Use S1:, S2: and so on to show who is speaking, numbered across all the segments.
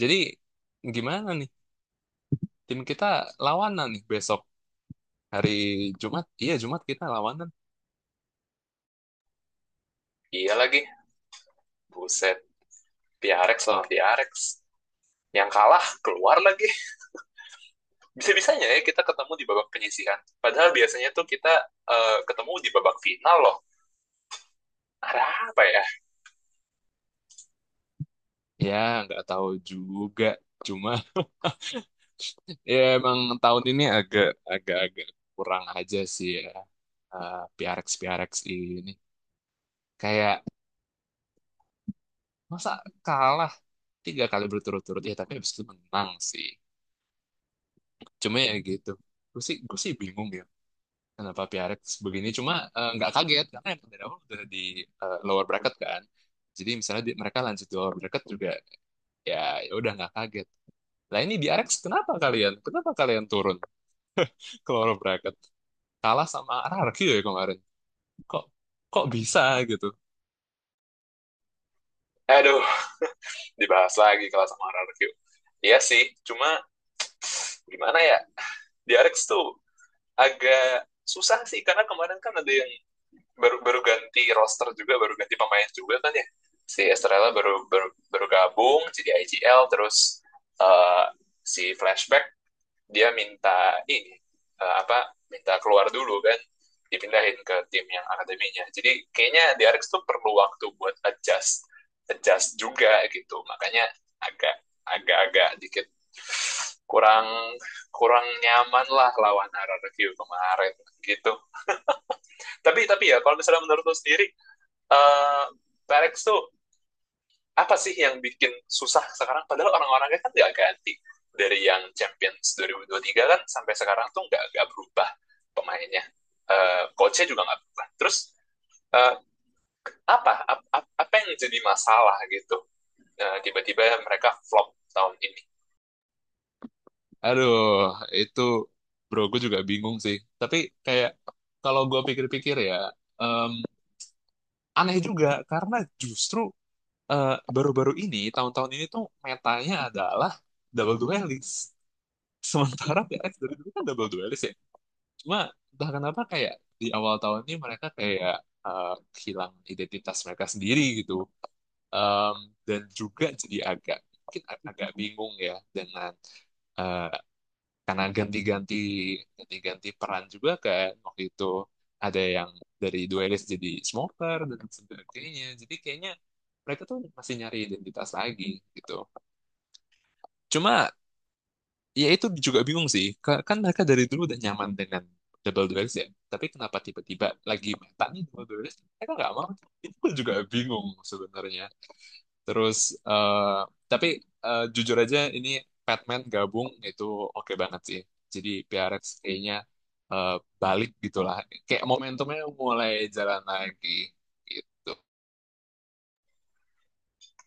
S1: Jadi gimana nih? Tim kita lawanan nih besok hari Jumat. Iya Jumat kita lawanan.
S2: Iya lagi, buset, Piarex sama Piarex. Yang kalah keluar lagi. Bisa-bisanya ya kita ketemu di babak penyisihan. Padahal biasanya tuh kita ketemu di babak final loh. Ada apa ya?
S1: Ya nggak tahu juga. Cuma ya emang tahun ini agak agak agak kurang aja sih ya. PRX PRX ini kayak masa kalah 3 kali berturut-turut ya tapi habis itu menang sih. Cuma ya gitu. Gue sih bingung ya, kenapa Piarek begini. Cuma nggak kaget karena yang dari awal udah di lower bracket kan, jadi misalnya mereka lanjut di lower bracket juga ya, ya udah nggak kaget lah. Ini di Arex, kenapa kalian turun ke lower bracket, kalah sama RRQ ya kemarin, kok kok bisa gitu.
S2: Aduh, dibahas lagi kalau sama RRQ. Iya sih, cuma gimana ya? Piarex tuh agak susah sih, karena kemarin kan ada yang baru baru ganti roster juga, baru ganti pemain juga kan ya. Si Estrella baru gabung, jadi IGL, terus eh, si Flashback dia minta ini eh, apa minta keluar dulu kan, dipindahin ke tim yang akademinya, jadi kayaknya di Diarex tuh perlu waktu buat adjust adjust juga gitu, makanya agak agak-agak dikit kurang kurang nyaman lah lawan RRQ kemarin gitu. Tapi ya, kalau misalnya menurut lu sendiri, eh Diarex tuh apa sih yang bikin susah sekarang? Padahal orang-orangnya kan nggak ganti. Dari yang Champions 2023 kan sampai sekarang tuh nggak berubah pemainnya. Coachnya juga nggak berubah. Terus, eh, apa, ap- apa yang jadi masalah gitu? Tiba-tiba mereka flop tahun ini.
S1: Aduh, itu bro, gue juga bingung sih, tapi kayak kalau gue pikir-pikir ya, em, aneh juga karena justru eh, baru-baru ini, tahun-tahun ini tuh metanya adalah double duelist. Sementara PX dari dulu kan double duelist ya. Cuma entah kenapa kayak di awal tahun ini mereka kayak eh, hilang identitas mereka sendiri gitu. Em, dan juga jadi agak mungkin agak bingung ya dengan eh, karena ganti-ganti peran juga kan waktu itu, ada yang dari duelist jadi smoker dan sebagainya. Jadi kayaknya mereka tuh masih nyari identitas lagi gitu. Cuma ya, itu juga bingung sih. Kan mereka dari dulu udah nyaman dengan double duelist ya. Tapi kenapa tiba-tiba lagi meta nih double duelist? Mereka nggak mau. Itu pun juga bingung sebenarnya. Terus, eh tapi jujur aja, ini Batman gabung itu oke banget sih. Jadi PRX kayaknya eh, balik gitulah. Kayak momentumnya mulai jalan lagi. Gitu.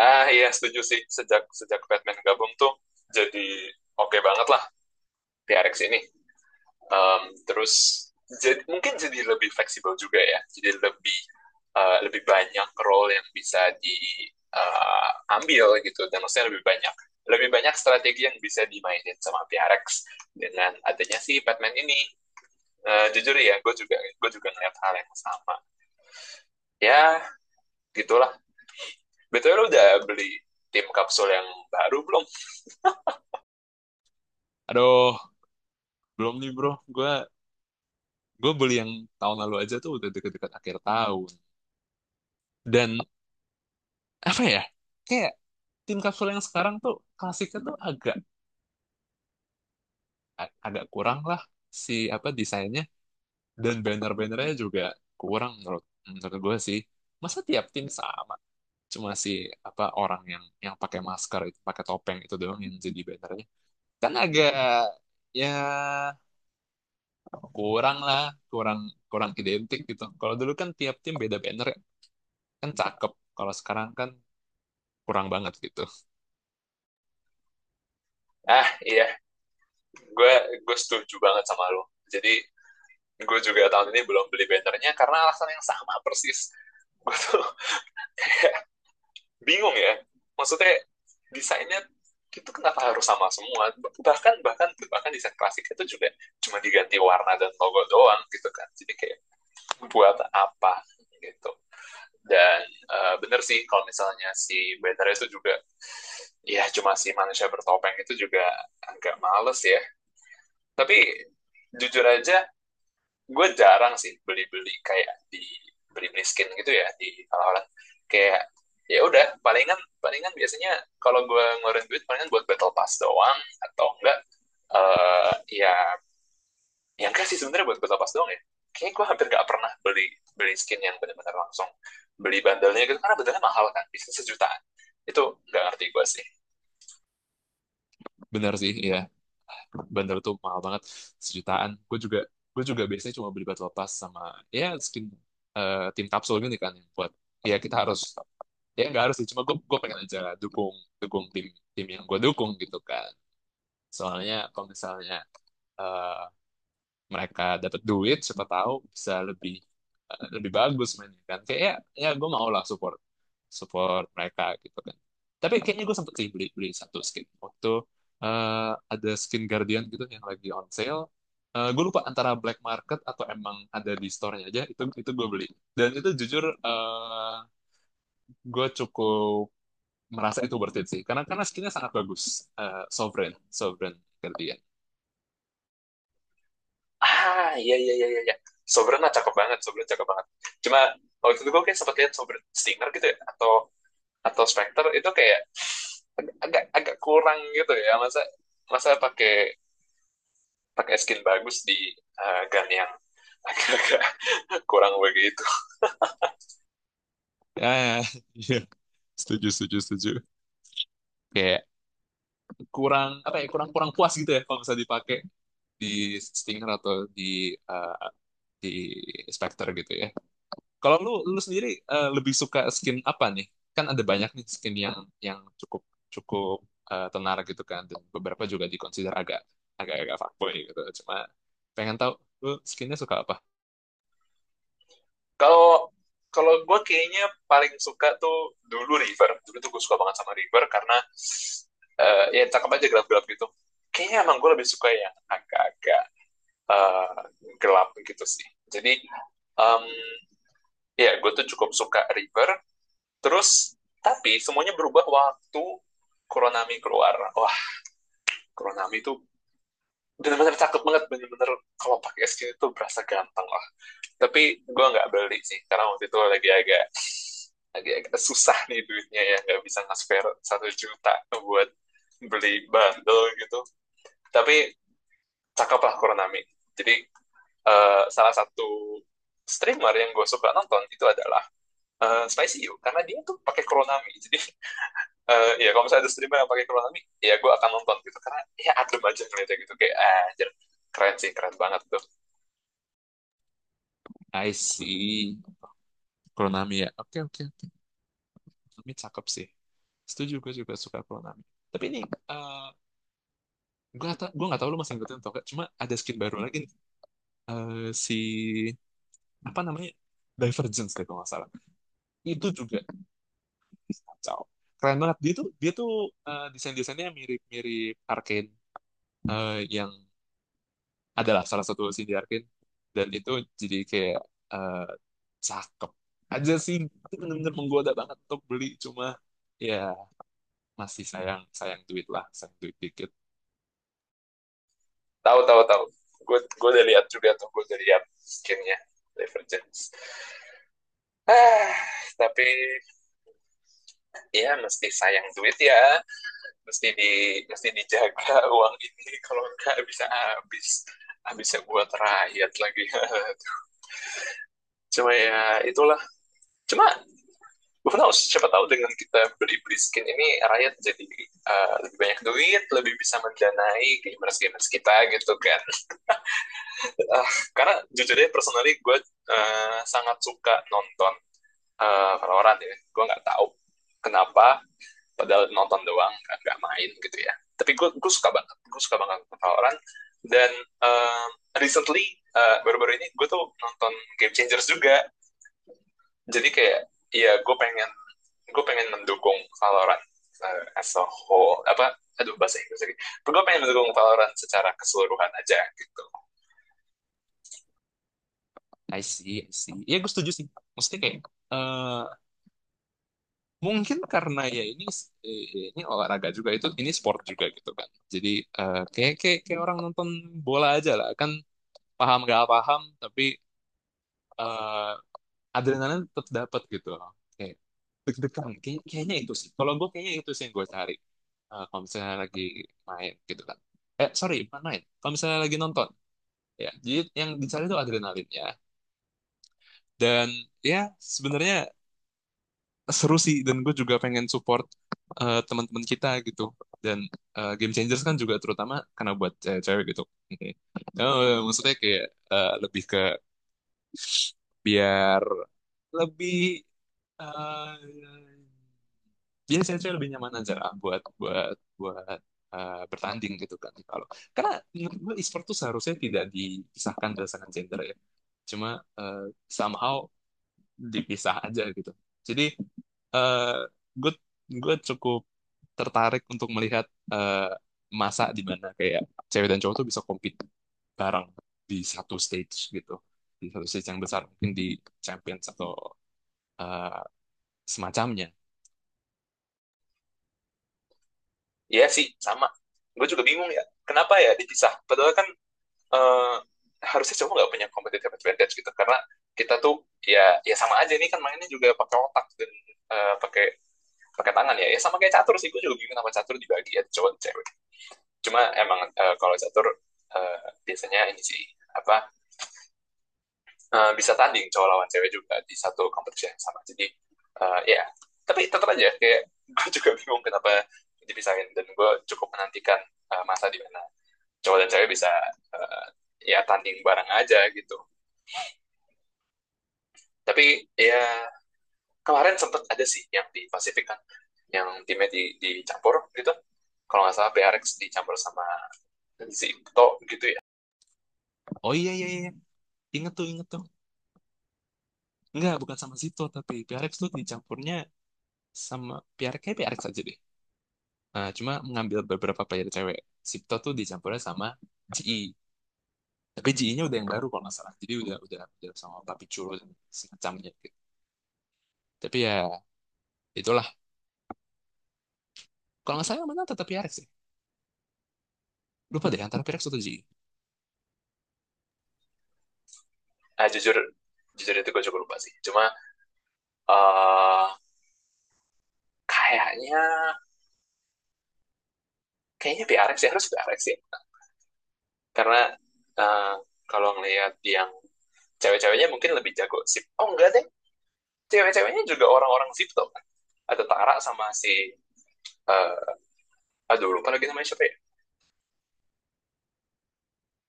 S2: Ah iya, setuju sih, sejak sejak Batman gabung tuh jadi oke okay banget lah TRX ini. Terus jadi mungkin jadi lebih fleksibel juga ya. Jadi lebih lebih banyak role yang bisa diambil, gitu. Dan maksudnya lebih banyak, lebih banyak strategi yang bisa dimainin sama PRX dengan adanya si Batman ini. Jujur ya, gue juga ngeliat hal yang sama. Ya, gitulah. Betul, lu udah beli tim kapsul yang baru belum?
S1: Aduh, belum nih bro. Gue gue beli yang tahun lalu aja tuh udah deket-deket akhir tahun. Dan apa ya? Kayak tim kapsul yang sekarang tuh klasiknya tuh agak agak kurang lah, si apa, desainnya dan banner-bannernya juga kurang, menurut menurut gue sih. Masa tiap tim sama, cuma si apa, orang yang pakai masker itu, pakai topeng itu doang yang jadi bannernya. Kan agak, ya, kurang lah, kurang kurang identik gitu. Kalau dulu kan tiap tim beda banner ya, kan cakep. Kalau sekarang kan kurang banget gitu.
S2: Ah iya, gue gue setuju banget sama lo. Jadi gue juga tahun ini belum beli bannernya karena alasan yang sama persis. Gue tuh bingung ya, maksudnya desainnya itu kenapa harus sama semua. Bahkan bahkan bahkan desain klasik itu juga cuma diganti warna dan logo doang gitu kan, jadi kayak buat apa gitu. Dan bener sih kalau misalnya si banner itu juga ya cuma si manusia bertopeng itu juga, agak males ya. Tapi jujur aja, gue jarang sih beli-beli, kayak di beli-beli skin gitu ya di orang-orang, kayak ya udah, palingan palingan biasanya kalau gue ngeluarin duit palingan buat battle pass doang. Atau enggak, eh ya yang enggak sih, sebenarnya buat battle pass doang ya. Kayaknya gue hampir nggak pernah beli, beli skin yang benar-benar langsung beli bandelnya gitu, karena bandelnya mahal kan, bisa sejutaan itu. Nggak ngerti gue sih.
S1: Benar sih ya, bandar tuh mahal banget, sejutaan. Gue juga biasanya cuma beli batu lepas sama ya skin, tim kapsul gini kan, yang buat, ya kita harus, ya nggak harus sih, cuma gue pengen aja dukung dukung tim tim yang gue dukung gitu kan. Soalnya kalau misalnya eh, mereka dapat duit, siapa tahu bisa lebih lebih bagus mainnya kan, kayak ya, ya gue mau lah support support mereka gitu kan. Tapi kayaknya gue sempet sih beli beli satu skin waktu ada skin Guardian gitu yang lagi on sale. Gue lupa antara black market atau emang ada di store-nya aja, itu gue beli. Dan itu jujur gue cukup merasa itu worth it sih, karena skinnya sangat bagus. Sovereign Sovereign Guardian.
S2: Ah, iya, iya, iya, iya. Sobrana cakep banget, Sobrana cakep banget. Cuma waktu itu gue kayak sempat lihat Sobren Stinger gitu ya, atau Spectre itu kayak agak agak kurang gitu ya. Masa masa pakai pakai skin bagus di gun yang agak-agak kurang begitu.
S1: Ya, ya, iya. Setuju, setuju, setuju. Oke, kurang apa ya, kurang kurang puas gitu ya kalau misalnya dipakai di Stinger atau eh, di Spectre gitu ya. Kalau lu lu sendiri lebih suka skin apa nih? Kan ada banyak nih skin yang cukup cukup tenar gitu kan, dan beberapa juga dikonsider agak agak agak fuckboy gitu. Cuma pengen tahu lu skinnya suka apa?
S2: Kalau kalau gue kayaknya paling suka tuh dulu River. Dulu tuh gue suka banget sama River karena ya cakep aja, gelap-gelap gitu. Kayaknya emang gue lebih suka yang agak-agak eh, gelap gitu sih. Jadi, em, ya gue tuh cukup suka River. Terus, tapi semuanya berubah waktu Kuronami keluar. Wah, Kuronami itu benar-benar cakep banget, benar-benar. Kalau pakai skin itu berasa ganteng lah. Tapi gue nggak beli sih, karena waktu itu lagi agak, lagi agak susah nih duitnya ya. Nggak bisa nge-spare 1 juta buat beli bundle gitu. Tapi cakep lah Kuronami. Jadi, salah satu streamer yang gue suka nonton itu adalah Spicy You. Karena dia tuh pakai Kuronami. Jadi, ya kalau misalnya ada streamer yang pakai Kurosami, ya gue akan nonton gitu, karena ya adem aja ngeliatnya, gitu kayak ah anjir, keren sih, keren banget tuh.
S1: I see. Kuronami ya. Oke oke. Kuronami cakep sih. Setuju, gue juga suka Kuronami. Tapi ini gue gak tau, lu masih ngikutin atau gak, cuma ada skin baru lagi eh, si apa namanya, Divergence deh kalau nggak salah. Itu juga kacau, keren banget. Dia tuh desain-desainnya mirip-mirip Arkane, yang adalah salah satu scene di Arkane, dan itu jadi kayak eh, cakep aja sih. Itu bener-bener menggoda banget untuk beli, cuma ya masih sayang sayang duit lah, sayang duit dikit.
S2: Tahu, tahu, tahu. Gue udah lihat juga tuh, gue udah lihat skinnya Divergence. Ah, tapi ya mesti sayang duit ya, mesti di mesti dijaga uang ini, kalau enggak bisa habis, habisnya buat rakyat lagi. Cuma ya itulah. Cuma who knows, siapa tahu dengan kita beli-beli skin ini rakyat jadi lebih banyak duit, lebih bisa mendanai gamers-gamers kita gitu kan. Uh, karena jujur deh, personally gue sangat suka nonton Valorant ya. Gue nggak tahu kenapa, padahal nonton doang, nggak main gitu ya. Tapi gue suka banget, gue suka banget Valorant. Dan uh, recently, baru -baru ini gue tuh nonton Game Changers juga. Jadi kayak ya gue pengen, gue pengen mendukung Valorant as a whole, apa, aduh bahasa Inggris lagi. Gue pengen mendukung Valorant secara keseluruhan aja gitu.
S1: I see, I see, ya gue setuju sih. Maksudnya kayak eh, mungkin karena ya ini olahraga juga, itu, ini sport juga gitu kan. Jadi kayak, kayak kayak orang nonton bola aja lah kan, paham gak paham, tapi eh, adrenalin tetap dapat gitu loh. Kayak deg-degan. Kayaknya itu sih. Kalau gue kayaknya itu sih yang gue cari. Kalau misalnya lagi main gitu kan. Eh, sorry, bukan main, kalau misalnya lagi nonton ya. Jadi yang dicari itu adrenalinnya. Dan ya sebenarnya seru sih, dan gue juga pengen support teman-teman kita gitu. Dan Game Changers kan juga terutama karena buat cewek gitu. Oke. Eh, Maksudnya kayak lebih ke biar lebih eh biar cewek-cewek lebih nyaman aja lah buat buat buat bertanding gitu kan. Kalau, karena menurut gue e-sport tuh seharusnya tidak dipisahkan berdasarkan gender ya. Cuma eh, somehow dipisah aja gitu. Jadi eh gue gue cukup tertarik untuk melihat eh, masa di mana kayak cewek dan cowok tuh bisa compete bareng di satu stage gitu, di satu stage yang besar, mungkin di Champions atau eh, semacamnya.
S2: Iya sih, sama. Gue juga bingung ya. Kenapa ya dipisah? Padahal kan eh, harusnya cowok nggak punya competitive advantage gitu, karena kita tuh ya sama aja. Ini kan mainnya juga pakai otak dan pakai, pakai tangan. Ya sama kayak catur sih, gue juga bingung sama catur dibagi ya cowok dan cewek. Cuma emang kalau catur eh, biasanya ini sih apa, bisa tanding cowok lawan cewek juga di satu kompetisi yang sama. Jadi ya tapi tetap aja kayak gue juga bingung kenapa dipisahin. Dan gue cukup menantikan masa di mana cowok dan cewek bisa eh, ya tanding bareng aja gitu. Tapi ya kemarin sempet ada sih yang di Pasifik kan, yang timnya di, dicampur gitu. Kalau nggak salah PRX dicampur sama Zipto gitu ya.
S1: Oh iya, iya, iya, inget tuh, inget tuh. Enggak, bukan sama Zito, tapi PRX tuh dicampurnya sama PRX, kayak PRX aja deh. Eh, cuma mengambil beberapa player cewek. Zito tuh dicampurnya sama GI, tapi GI-nya udah yang baru kalau nggak salah, jadi udah sama Papi Churro dan semacamnya gitu. Tapi ya itulah, kalau nggak salah yang menang tetap PRX sih. Lupa deh antara PRX atau G. I.
S2: Nah jujur, jujur itu gue juga lupa sih. Cuma eh, kayaknya, kayaknya PRX ya, harus PRX ya. Karena eh, kalau ngelihat yang cewek-ceweknya mungkin lebih jago, sip. Oh enggak deh, cewek-ceweknya juga orang-orang Zipto kan. Ada Tara sama si, eh aduh lupa lagi namanya siapa ya?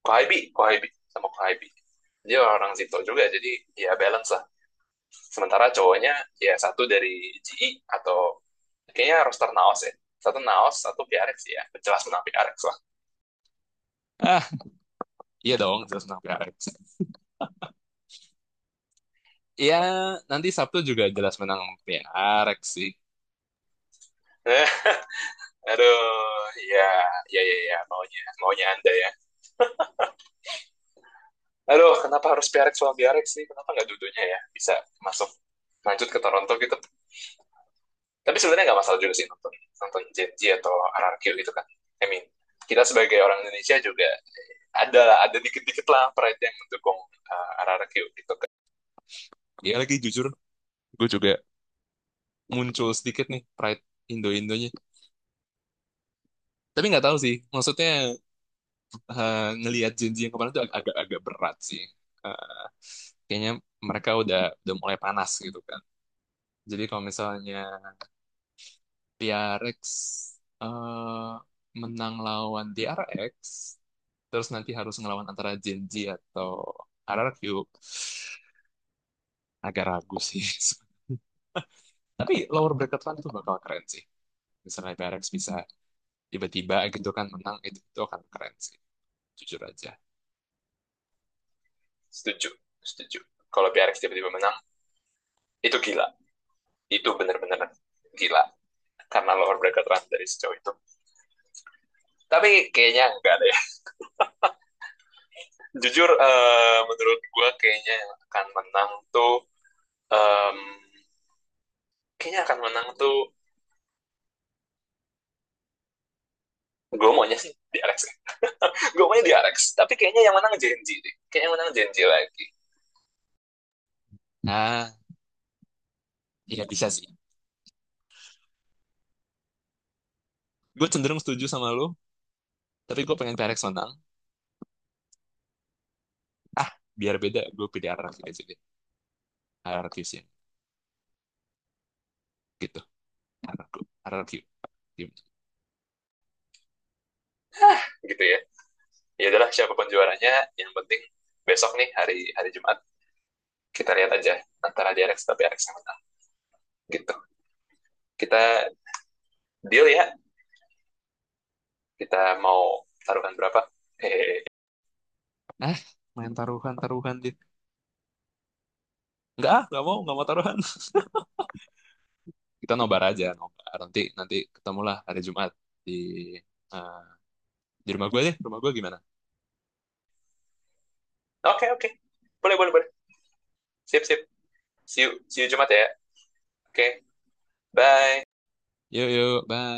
S2: Kohaibi, Kohaibi sama Kohaibi. Dia orang Zito juga, jadi ya balance lah. Sementara cowoknya ya satu dari GI atau kayaknya roster Naos ya. Satu Naos, satu PRX ya. Jelas menang PRX lah.
S1: Ah, iya dong, jelas menang PRX. Iya, nanti Sabtu juga jelas menang PRX sih.
S2: Aduh, ya, ya, ya, ya, maunya Anda ya. Aduh, kenapa harus PRX sama BRX sih? Kenapa nggak dudunya ya? Bisa masuk, lanjut ke Toronto gitu. Tapi sebenarnya nggak masalah juga sih nonton, nonton JNJ atau RRQ gitu kan. I mean, kita sebagai orang Indonesia juga ada ada dikit-dikit lah pride yang mendukung RRQ gitu kan.
S1: Iya lagi jujur, gue juga muncul sedikit nih pride Indo-Indonya. Tapi nggak tahu sih, maksudnya eh, ngelihat janji yang kemarin itu agak-agak berat sih. Eh, Kayaknya mereka udah mulai panas gitu kan. Jadi kalau misalnya PRX eh, menang lawan DRX, terus nanti harus ngelawan antara Gen Z atau RRQ, agak ragu sih. Tapi lower bracket run itu bakal keren sih. Misalnya PRX bisa tiba-tiba gitu kan menang, itu akan keren sih. Jujur aja.
S2: Setuju, setuju. Kalau PRX tiba-tiba menang, itu gila. Itu benar-benar gila. Karena lower bracket run dari sejauh itu. Tapi kayaknya enggak deh. Jujur, menurut gue kayaknya yang akan menang tuh, em, kayaknya akan menang tuh, gue maunya sih di Alex, gue punya di Arex, tapi kayaknya yang menang Genji deh, kayaknya yang menang Genji lagi
S1: Nah, iya bisa sih. Gue cenderung setuju sama lo, tapi gue pengen PRX menang. Biar beda, gue pilih RRQ aja deh. RRQ sih. Gitu. RRQ. RRQ. Gimana?
S2: gitu Ya adalah, siapapun juaranya yang penting. Besok nih hari, hari Jumat kita lihat aja, antara di Arex tapi Arex yang menang gitu. Kita deal ya, kita mau taruhkan berapa, hehehe
S1: Ah, main taruhan-taruhan deh. Enggak, ah, enggak mau taruhan. Kita nobar aja, nobar. Nanti, ketemulah hari Jumat di eh, di rumah gue deh. Rumah gue gimana?
S2: oke oke, boleh boleh boleh, sip sip, see you Jumat ya, oke, bye.
S1: Yuk, yuk, bye.